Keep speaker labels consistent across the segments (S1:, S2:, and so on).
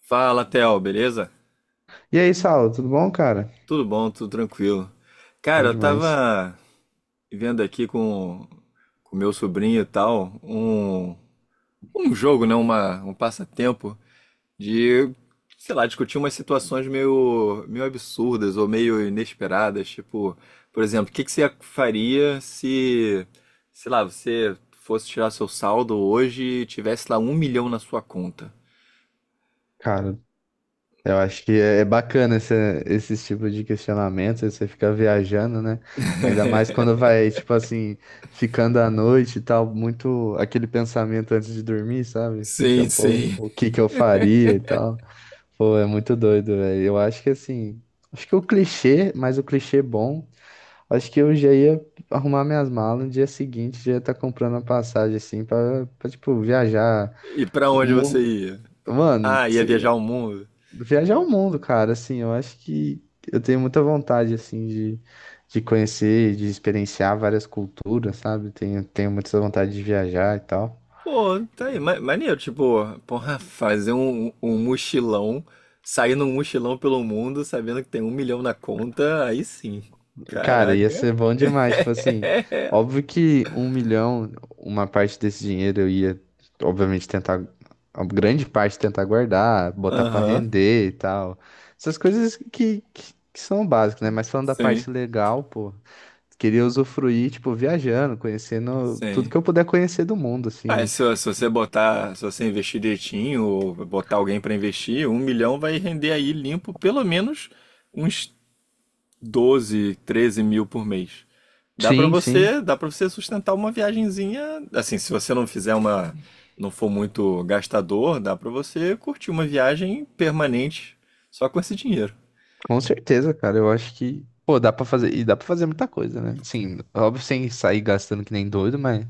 S1: Fala, Theo, beleza?
S2: E aí, Saulo, tudo bom, cara?
S1: Tudo bom, tudo tranquilo.
S2: Bom
S1: Cara, eu
S2: demais.
S1: tava vendo aqui com o meu sobrinho e tal, um jogo, né? Um passatempo de, sei lá, discutir umas situações meio absurdas ou meio inesperadas. Tipo, por exemplo, o que que você faria se, sei lá, você fosse tirar seu saldo hoje e tivesse lá 1.000.000 na sua conta?
S2: Cara, eu acho que é bacana esse tipo de questionamento, aí você fica viajando, né? Ainda mais quando vai, tipo assim, ficando à noite e tal, muito aquele pensamento antes de dormir, sabe? Você fica,
S1: Sim,
S2: pô,
S1: sim.
S2: o que que eu faria e tal. Pô, é muito doido, velho. Eu acho que assim, acho que o clichê, mas o clichê bom, acho que eu já ia arrumar minhas malas no dia seguinte, já ia estar comprando a passagem, assim, tipo, viajar.
S1: E pra onde você ia?
S2: Mano,
S1: Ah, ia
S2: sei lá,
S1: viajar o mundo?
S2: viajar o mundo, cara, assim, eu acho que eu tenho muita vontade, assim, de conhecer, de experienciar várias culturas, sabe? Tenho muita vontade de viajar e tal.
S1: Pô, tá aí, maneiro, tipo, porra, fazer um mochilão, sair num mochilão pelo mundo sabendo que tem 1.000.000 na conta, aí sim.
S2: Cara, ia
S1: Caraca.
S2: ser bom demais, tipo assim, óbvio que um milhão, uma parte desse dinheiro eu ia, obviamente, tentar, a grande parte tentar guardar, botar pra
S1: Aham,
S2: render e tal. Essas coisas que são básicas, né? Mas falando da
S1: sim,
S2: parte legal, pô. Queria usufruir, tipo, viajando, conhecendo tudo
S1: sim.
S2: que eu puder conhecer do mundo,
S1: Ah,
S2: assim.
S1: se você botar, se você investir direitinho, ou botar alguém pra investir, 1.000.000 vai render aí limpo pelo menos uns 12, 13 mil por mês.
S2: Sim, sim.
S1: Dá para você sustentar uma viagenzinha, assim, se você não fizer uma, não for muito gastador, dá pra você curtir uma viagem permanente só com esse dinheiro.
S2: Com certeza, cara. Eu acho que, pô, dá pra fazer. E dá pra fazer muita coisa, né? Assim, óbvio, sem sair gastando que nem doido, mas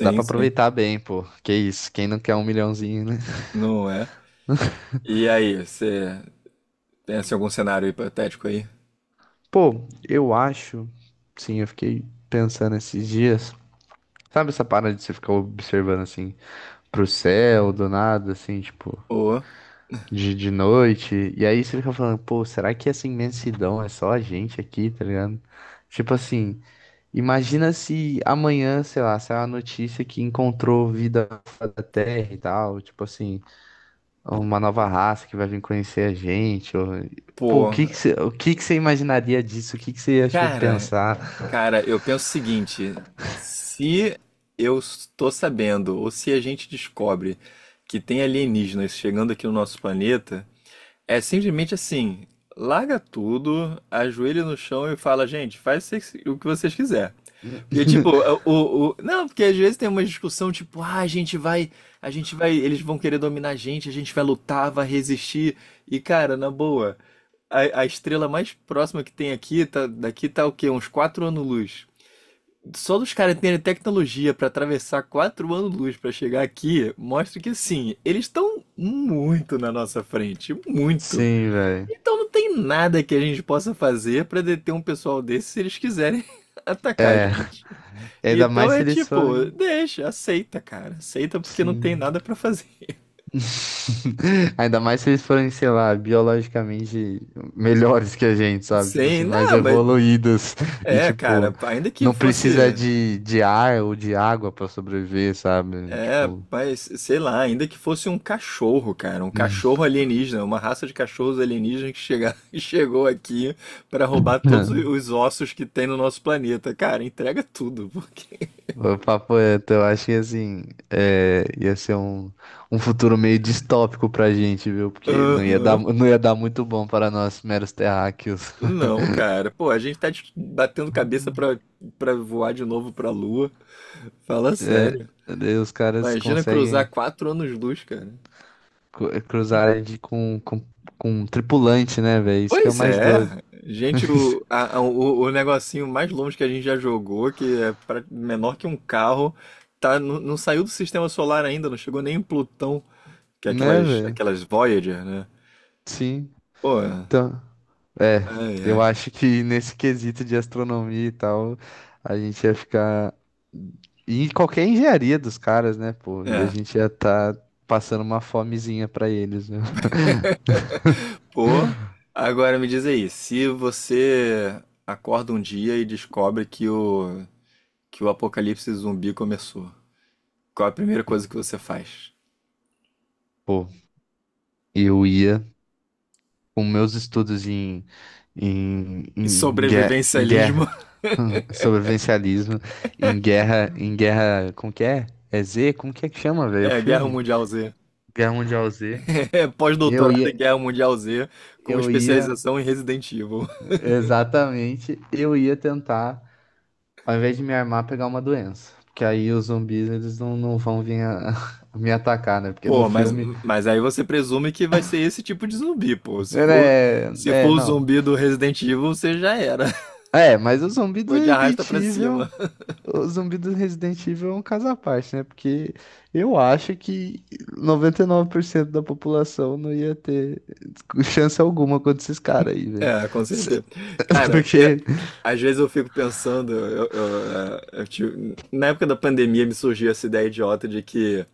S2: dá pra
S1: sim.
S2: aproveitar bem, pô. Que isso, quem não quer um milhãozinho, né?
S1: Não é? E aí, você tem assim, algum cenário hipotético aí?
S2: Pô, eu acho. Sim, eu fiquei pensando esses dias. Sabe essa parada de você ficar observando, assim, pro céu, do nada, assim, tipo.
S1: Ô,
S2: De noite. E aí você fica falando, pô, será que essa imensidão é só a gente aqui, tá ligado? Tipo assim, imagina se amanhã, sei lá, saiu a notícia que encontrou vida fora da Terra e tal, tipo assim, uma nova raça que vai vir conhecer a gente. Ou- Pô,
S1: pô,
S2: o que que você imaginaria disso? O que que você ia, tipo,
S1: cara,
S2: pensar?
S1: cara, eu penso o seguinte, se eu estou sabendo, ou se a gente descobre que tem alienígenas chegando aqui no nosso planeta, é simplesmente assim, larga tudo, ajoelha no chão e fala, gente, o que vocês quiser. Porque, tipo, não, porque às vezes tem uma discussão, tipo, ah, a gente vai, eles vão querer dominar a gente vai lutar, vai resistir. E, cara, na boa, a estrela mais próxima que tem aqui, tá, daqui tá o quê? Uns 4 anos-luz. Só dos caras terem tecnologia pra atravessar 4 anos-luz pra chegar aqui, mostra que, assim, eles estão muito na nossa frente, muito.
S2: Sim, velho.
S1: Então não tem nada que a gente possa fazer pra deter um pessoal desse se eles quiserem atacar a
S2: É
S1: gente.
S2: Ainda
S1: Então
S2: mais
S1: é
S2: se eles
S1: tipo,
S2: forem,
S1: deixa, aceita, cara. Aceita porque não tem
S2: sim.
S1: nada pra fazer.
S2: Ainda mais se eles forem, sei lá, biologicamente melhores que a gente, sabe? Tipo
S1: Sim,
S2: assim, mais
S1: não, mas
S2: evoluídos e,
S1: é,
S2: tipo,
S1: cara, ainda que
S2: não precisa
S1: fosse,
S2: de ar ou de água pra sobreviver, sabe?
S1: é,
S2: Tipo.
S1: mas sei lá, ainda que fosse um cachorro, cara, um cachorro alienígena, uma raça de cachorros alienígenas que chega, chegou aqui pra roubar todos os ossos que tem no nosso planeta. Cara, entrega tudo, porque
S2: O papo é, então, eu acho que assim, é, ia ser um, um futuro meio distópico pra gente, viu? Porque não ia dar,
S1: aham.
S2: não ia dar muito bom para nós meros terráqueos.
S1: Não, cara. Pô, a gente batendo cabeça pra voar de novo pra Lua. Fala
S2: É,
S1: sério.
S2: daí os caras
S1: Imagina cruzar
S2: conseguem.
S1: 4 anos-luz, cara.
S2: Cru- Cruzarem de, com um tripulante, né, velho? Isso que é o
S1: Pois
S2: mais
S1: é.
S2: doido.
S1: Gente, o negocinho mais longe que a gente já jogou, que é menor que um carro, tá, não saiu do sistema solar ainda, não chegou nem em Plutão, que é
S2: Né, velho?
S1: aquelas Voyager, né?
S2: Sim.
S1: Pô,
S2: Então, é,
S1: ai,
S2: eu
S1: ai.
S2: acho que nesse quesito de astronomia e tal, a gente ia ficar em qualquer engenharia dos caras, né, pô? E a
S1: É.
S2: gente ia estar passando uma fomezinha pra eles, né?
S1: Pô, agora me diz aí, se você acorda um dia e descobre que o apocalipse zumbi começou, qual é a primeira coisa que você faz?
S2: Pô, eu ia com meus estudos
S1: E
S2: em guerra,
S1: sobrevivencialismo
S2: guerra sobrevivencialismo, em guerra, como que é? É Z? Como que é que chama, velho, o
S1: é Guerra
S2: filme?
S1: Mundial Z.
S2: Guerra Mundial Z.
S1: É
S2: Eu
S1: pós-doutorado em
S2: ia,
S1: Guerra Mundial Z com
S2: eu ia,
S1: especialização em Resident Evil.
S2: exatamente, eu ia tentar, ao invés de me armar, pegar uma doença. Porque aí os zumbis, eles não vão vir a- me atacar, né? Porque no
S1: Pô,
S2: filme,
S1: mas aí você presume que vai ser esse tipo de zumbi, pô. Se
S2: né,
S1: for, se for o
S2: não.
S1: zumbi do Resident Evil, você já era.
S2: É, mas o zumbi do
S1: Foi de arrasta
S2: Resident
S1: pra
S2: Evil
S1: cima.
S2: O zumbi do Resident Evil é um caso à parte, né? Porque eu acho que 99% da população não ia ter chance alguma contra esses caras aí, velho.
S1: É, com
S2: Se-
S1: certeza. Cara, eu-
S2: Porque
S1: às vezes eu fico pensando, eu, é, eu tive- na época da pandemia me surgiu essa ideia idiota de que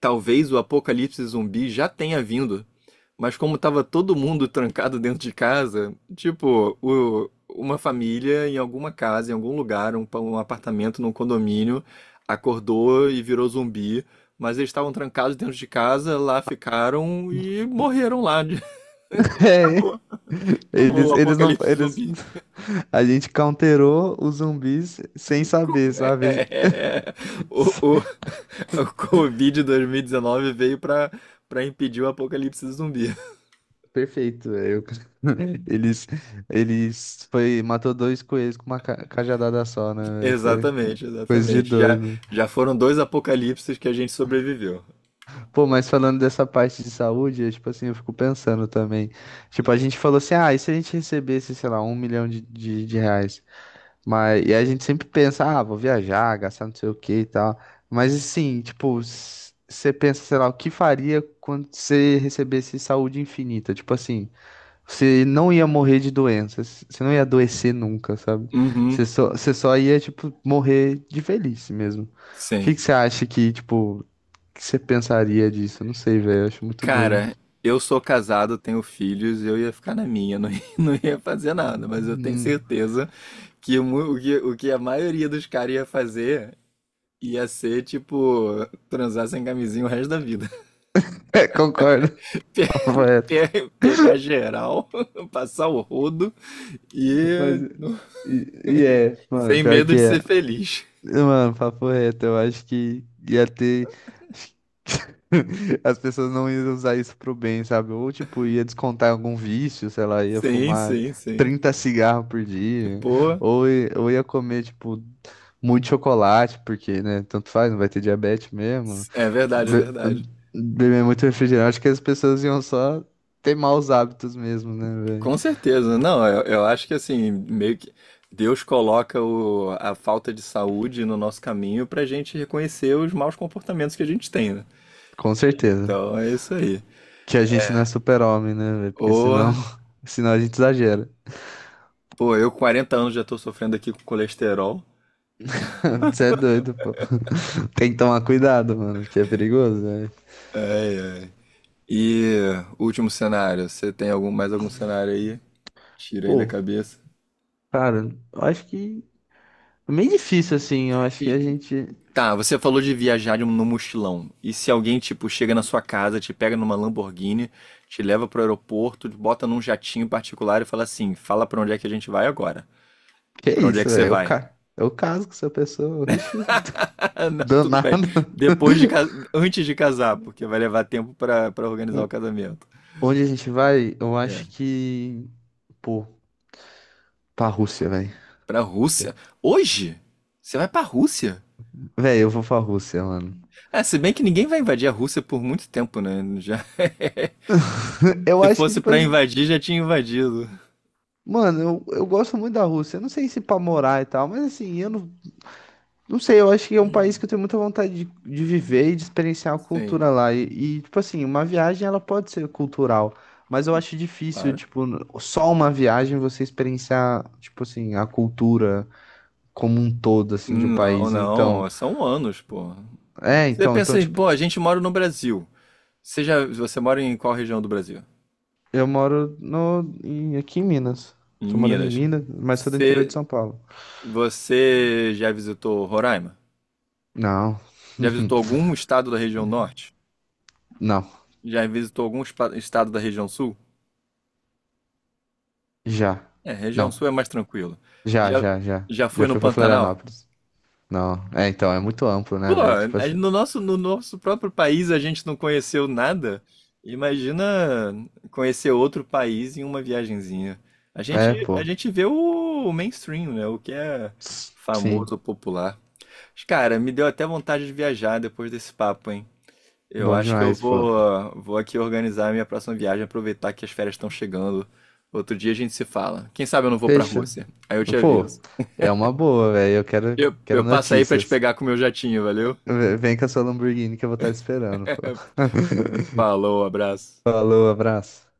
S1: talvez o apocalipse zumbi já tenha vindo, mas como tava todo mundo trancado dentro de casa, tipo, uma família em alguma casa, em algum lugar, um apartamento, num condomínio, acordou e virou zumbi, mas eles estavam trancados dentro de casa, lá ficaram e morreram lá. E
S2: é,
S1: acabou. Acabou o
S2: eles não.
S1: apocalipse
S2: Eles...
S1: zumbi.
S2: A gente counterou os zumbis sem saber,
S1: É,
S2: sabe?
S1: é, é. é. O, o, o Covid 2019 veio pra para impedir o apocalipse zumbi.
S2: Perfeito, velho. Eles, eles foi, matou dois coelhos com uma ca- cajadada só, né? Véi? Foi
S1: Exatamente,
S2: coisa de
S1: exatamente. Já,
S2: doido.
S1: já foram dois apocalipses que a gente sobreviveu.
S2: Pô, mas falando dessa parte de saúde, é, tipo assim, eu fico pensando também. Tipo, a gente falou assim, ah, e se a gente recebesse, sei lá, um milhão de reais? Mas, e a gente sempre pensa, ah, vou viajar, gastar não sei o que e tal. Mas assim, tipo, você pensa, sei lá, o que faria quando você recebesse saúde infinita? Tipo assim, você não ia morrer de doenças, você não ia adoecer nunca, sabe?
S1: Uhum.
S2: Você só ia, tipo, morrer de velhice mesmo. O que
S1: Sim.
S2: que você acha que, tipo, que você pensaria disso? Eu não sei, velho. Eu acho muito doido.
S1: Cara, eu sou casado, tenho filhos, eu ia ficar na minha, não ia, não ia fazer nada, mas eu tenho
S2: Hum.
S1: certeza que o que o que a maioria dos caras ia fazer ia ser, tipo, transar sem camisinha o resto da vida.
S2: É, concordo.
S1: Pe- Pegar geral, passar o rodo
S2: Mas.
S1: e não-
S2: E é, mano,
S1: sem
S2: pior
S1: medo
S2: que
S1: de
S2: é.
S1: ser feliz.
S2: Mano, papo reto, eu acho que ia ter. As pessoas não iam usar isso pro bem, sabe? Ou, tipo, ia descontar em algum vício, sei lá, ia
S1: Sim,
S2: fumar
S1: sim, sim.
S2: 30 cigarros por dia,
S1: Pô,
S2: ou, i- ou ia comer, tipo, muito chocolate, porque, né, tanto faz, não vai ter diabetes mesmo.
S1: é verdade, é
S2: Be-
S1: verdade.
S2: beber muito refrigerante, acho que as pessoas iam só ter maus hábitos mesmo, né, velho?
S1: Com certeza. Não, eu acho que assim, meio que Deus coloca a falta de saúde no nosso caminho pra gente reconhecer os maus comportamentos que a gente tem, né?
S2: Com certeza.
S1: Então é isso aí.
S2: Que a gente não é super-homem, né, velho? Porque
S1: Ô,
S2: senão, senão a gente exagera.
S1: pô, eu com 40 anos já tô sofrendo aqui com colesterol.
S2: Você é doido, pô. Tem que tomar cuidado, mano, porque é perigoso, velho.
S1: É, e último cenário, você tem algum, mais algum cenário aí? Tira aí da
S2: Pô,
S1: cabeça.
S2: cara, eu acho que é meio difícil assim. Eu acho que a gente.
S1: Tá, você falou de viajar de um- no mochilão. E se alguém, tipo, chega na sua casa, te pega numa Lamborghini, te leva pro aeroporto, te bota num jatinho particular e fala assim: fala pra onde é que a gente vai agora?
S2: Que
S1: Pra onde é
S2: isso,
S1: que você
S2: velho? Eu,
S1: vai?
S2: ca... eu caso com essa pessoa. Oxi,
S1: Não, tudo bem.
S2: danado.
S1: Depois de, ca- antes de casar, porque vai levar tempo pra para organizar o casamento.
S2: Onde a gente vai? Eu
S1: É.
S2: acho que. Pô, pra Rússia, velho.
S1: Pra Rússia? Hoje? Você vai pra Rússia?
S2: Velho, eu vou pra Rússia, mano.
S1: É, se bem que ninguém vai invadir a Rússia por muito tempo, né? Já...
S2: Eu
S1: Se
S2: acho que,
S1: fosse
S2: tipo
S1: pra
S2: assim.
S1: invadir, já tinha invadido.
S2: Mano, eu gosto muito da Rússia. Eu não sei se pra morar e tal, mas assim, eu não, não sei, eu acho que é um país que eu tenho muita vontade de viver e de experienciar a
S1: Sim,
S2: cultura lá. E, tipo assim, uma viagem ela pode ser cultural, mas eu acho difícil,
S1: claro.
S2: tipo, n- só uma viagem você experienciar, tipo assim, a cultura como um todo, assim, de um
S1: Não,
S2: país. Então,
S1: não, são anos, pô.
S2: é,
S1: Você pensa, em,
S2: tipo,
S1: pô, a gente mora no Brasil. Você já, você mora em qual região do Brasil?
S2: eu moro no, em- aqui em Minas.
S1: Em
S2: Tô morando em
S1: Minas.
S2: Minas, mas sou do interior de
S1: Você,
S2: São Paulo.
S1: você já visitou Roraima?
S2: Não,
S1: Já visitou algum estado da região norte?
S2: não,
S1: Já visitou algum estado da região sul?
S2: já.
S1: É, região
S2: Não,
S1: sul é mais tranquilo.
S2: já,
S1: Já,
S2: já.
S1: já
S2: Já
S1: foi no
S2: fui pra
S1: Pantanal?
S2: Florianópolis. Não, é, então, é muito amplo,
S1: Pô,
S2: né, velho? Tipo
S1: aí
S2: assim.
S1: no nosso, no nosso próprio país a gente não conheceu nada. Imagina conhecer outro país em uma viagenzinha.
S2: É,
S1: A
S2: pô.
S1: gente vê o mainstream, né? O que é
S2: Sim,
S1: famoso, popular. Mas, cara, me deu até vontade de viajar depois desse papo, hein? Eu
S2: bom
S1: acho que
S2: demais, pô.
S1: vou aqui organizar a minha próxima viagem, aproveitar que as férias estão chegando. Outro dia a gente se fala. Quem sabe eu não vou pra
S2: Fecha.
S1: Rússia. Aí eu te
S2: Pô,
S1: aviso.
S2: é uma boa, velho. Quero
S1: Eu passo aí pra te
S2: notícias.
S1: pegar com o meu jatinho, valeu?
S2: V- Vem com a sua Lamborghini que eu vou estar esperando, pô.
S1: Falou, abraço.
S2: Falou, abraço.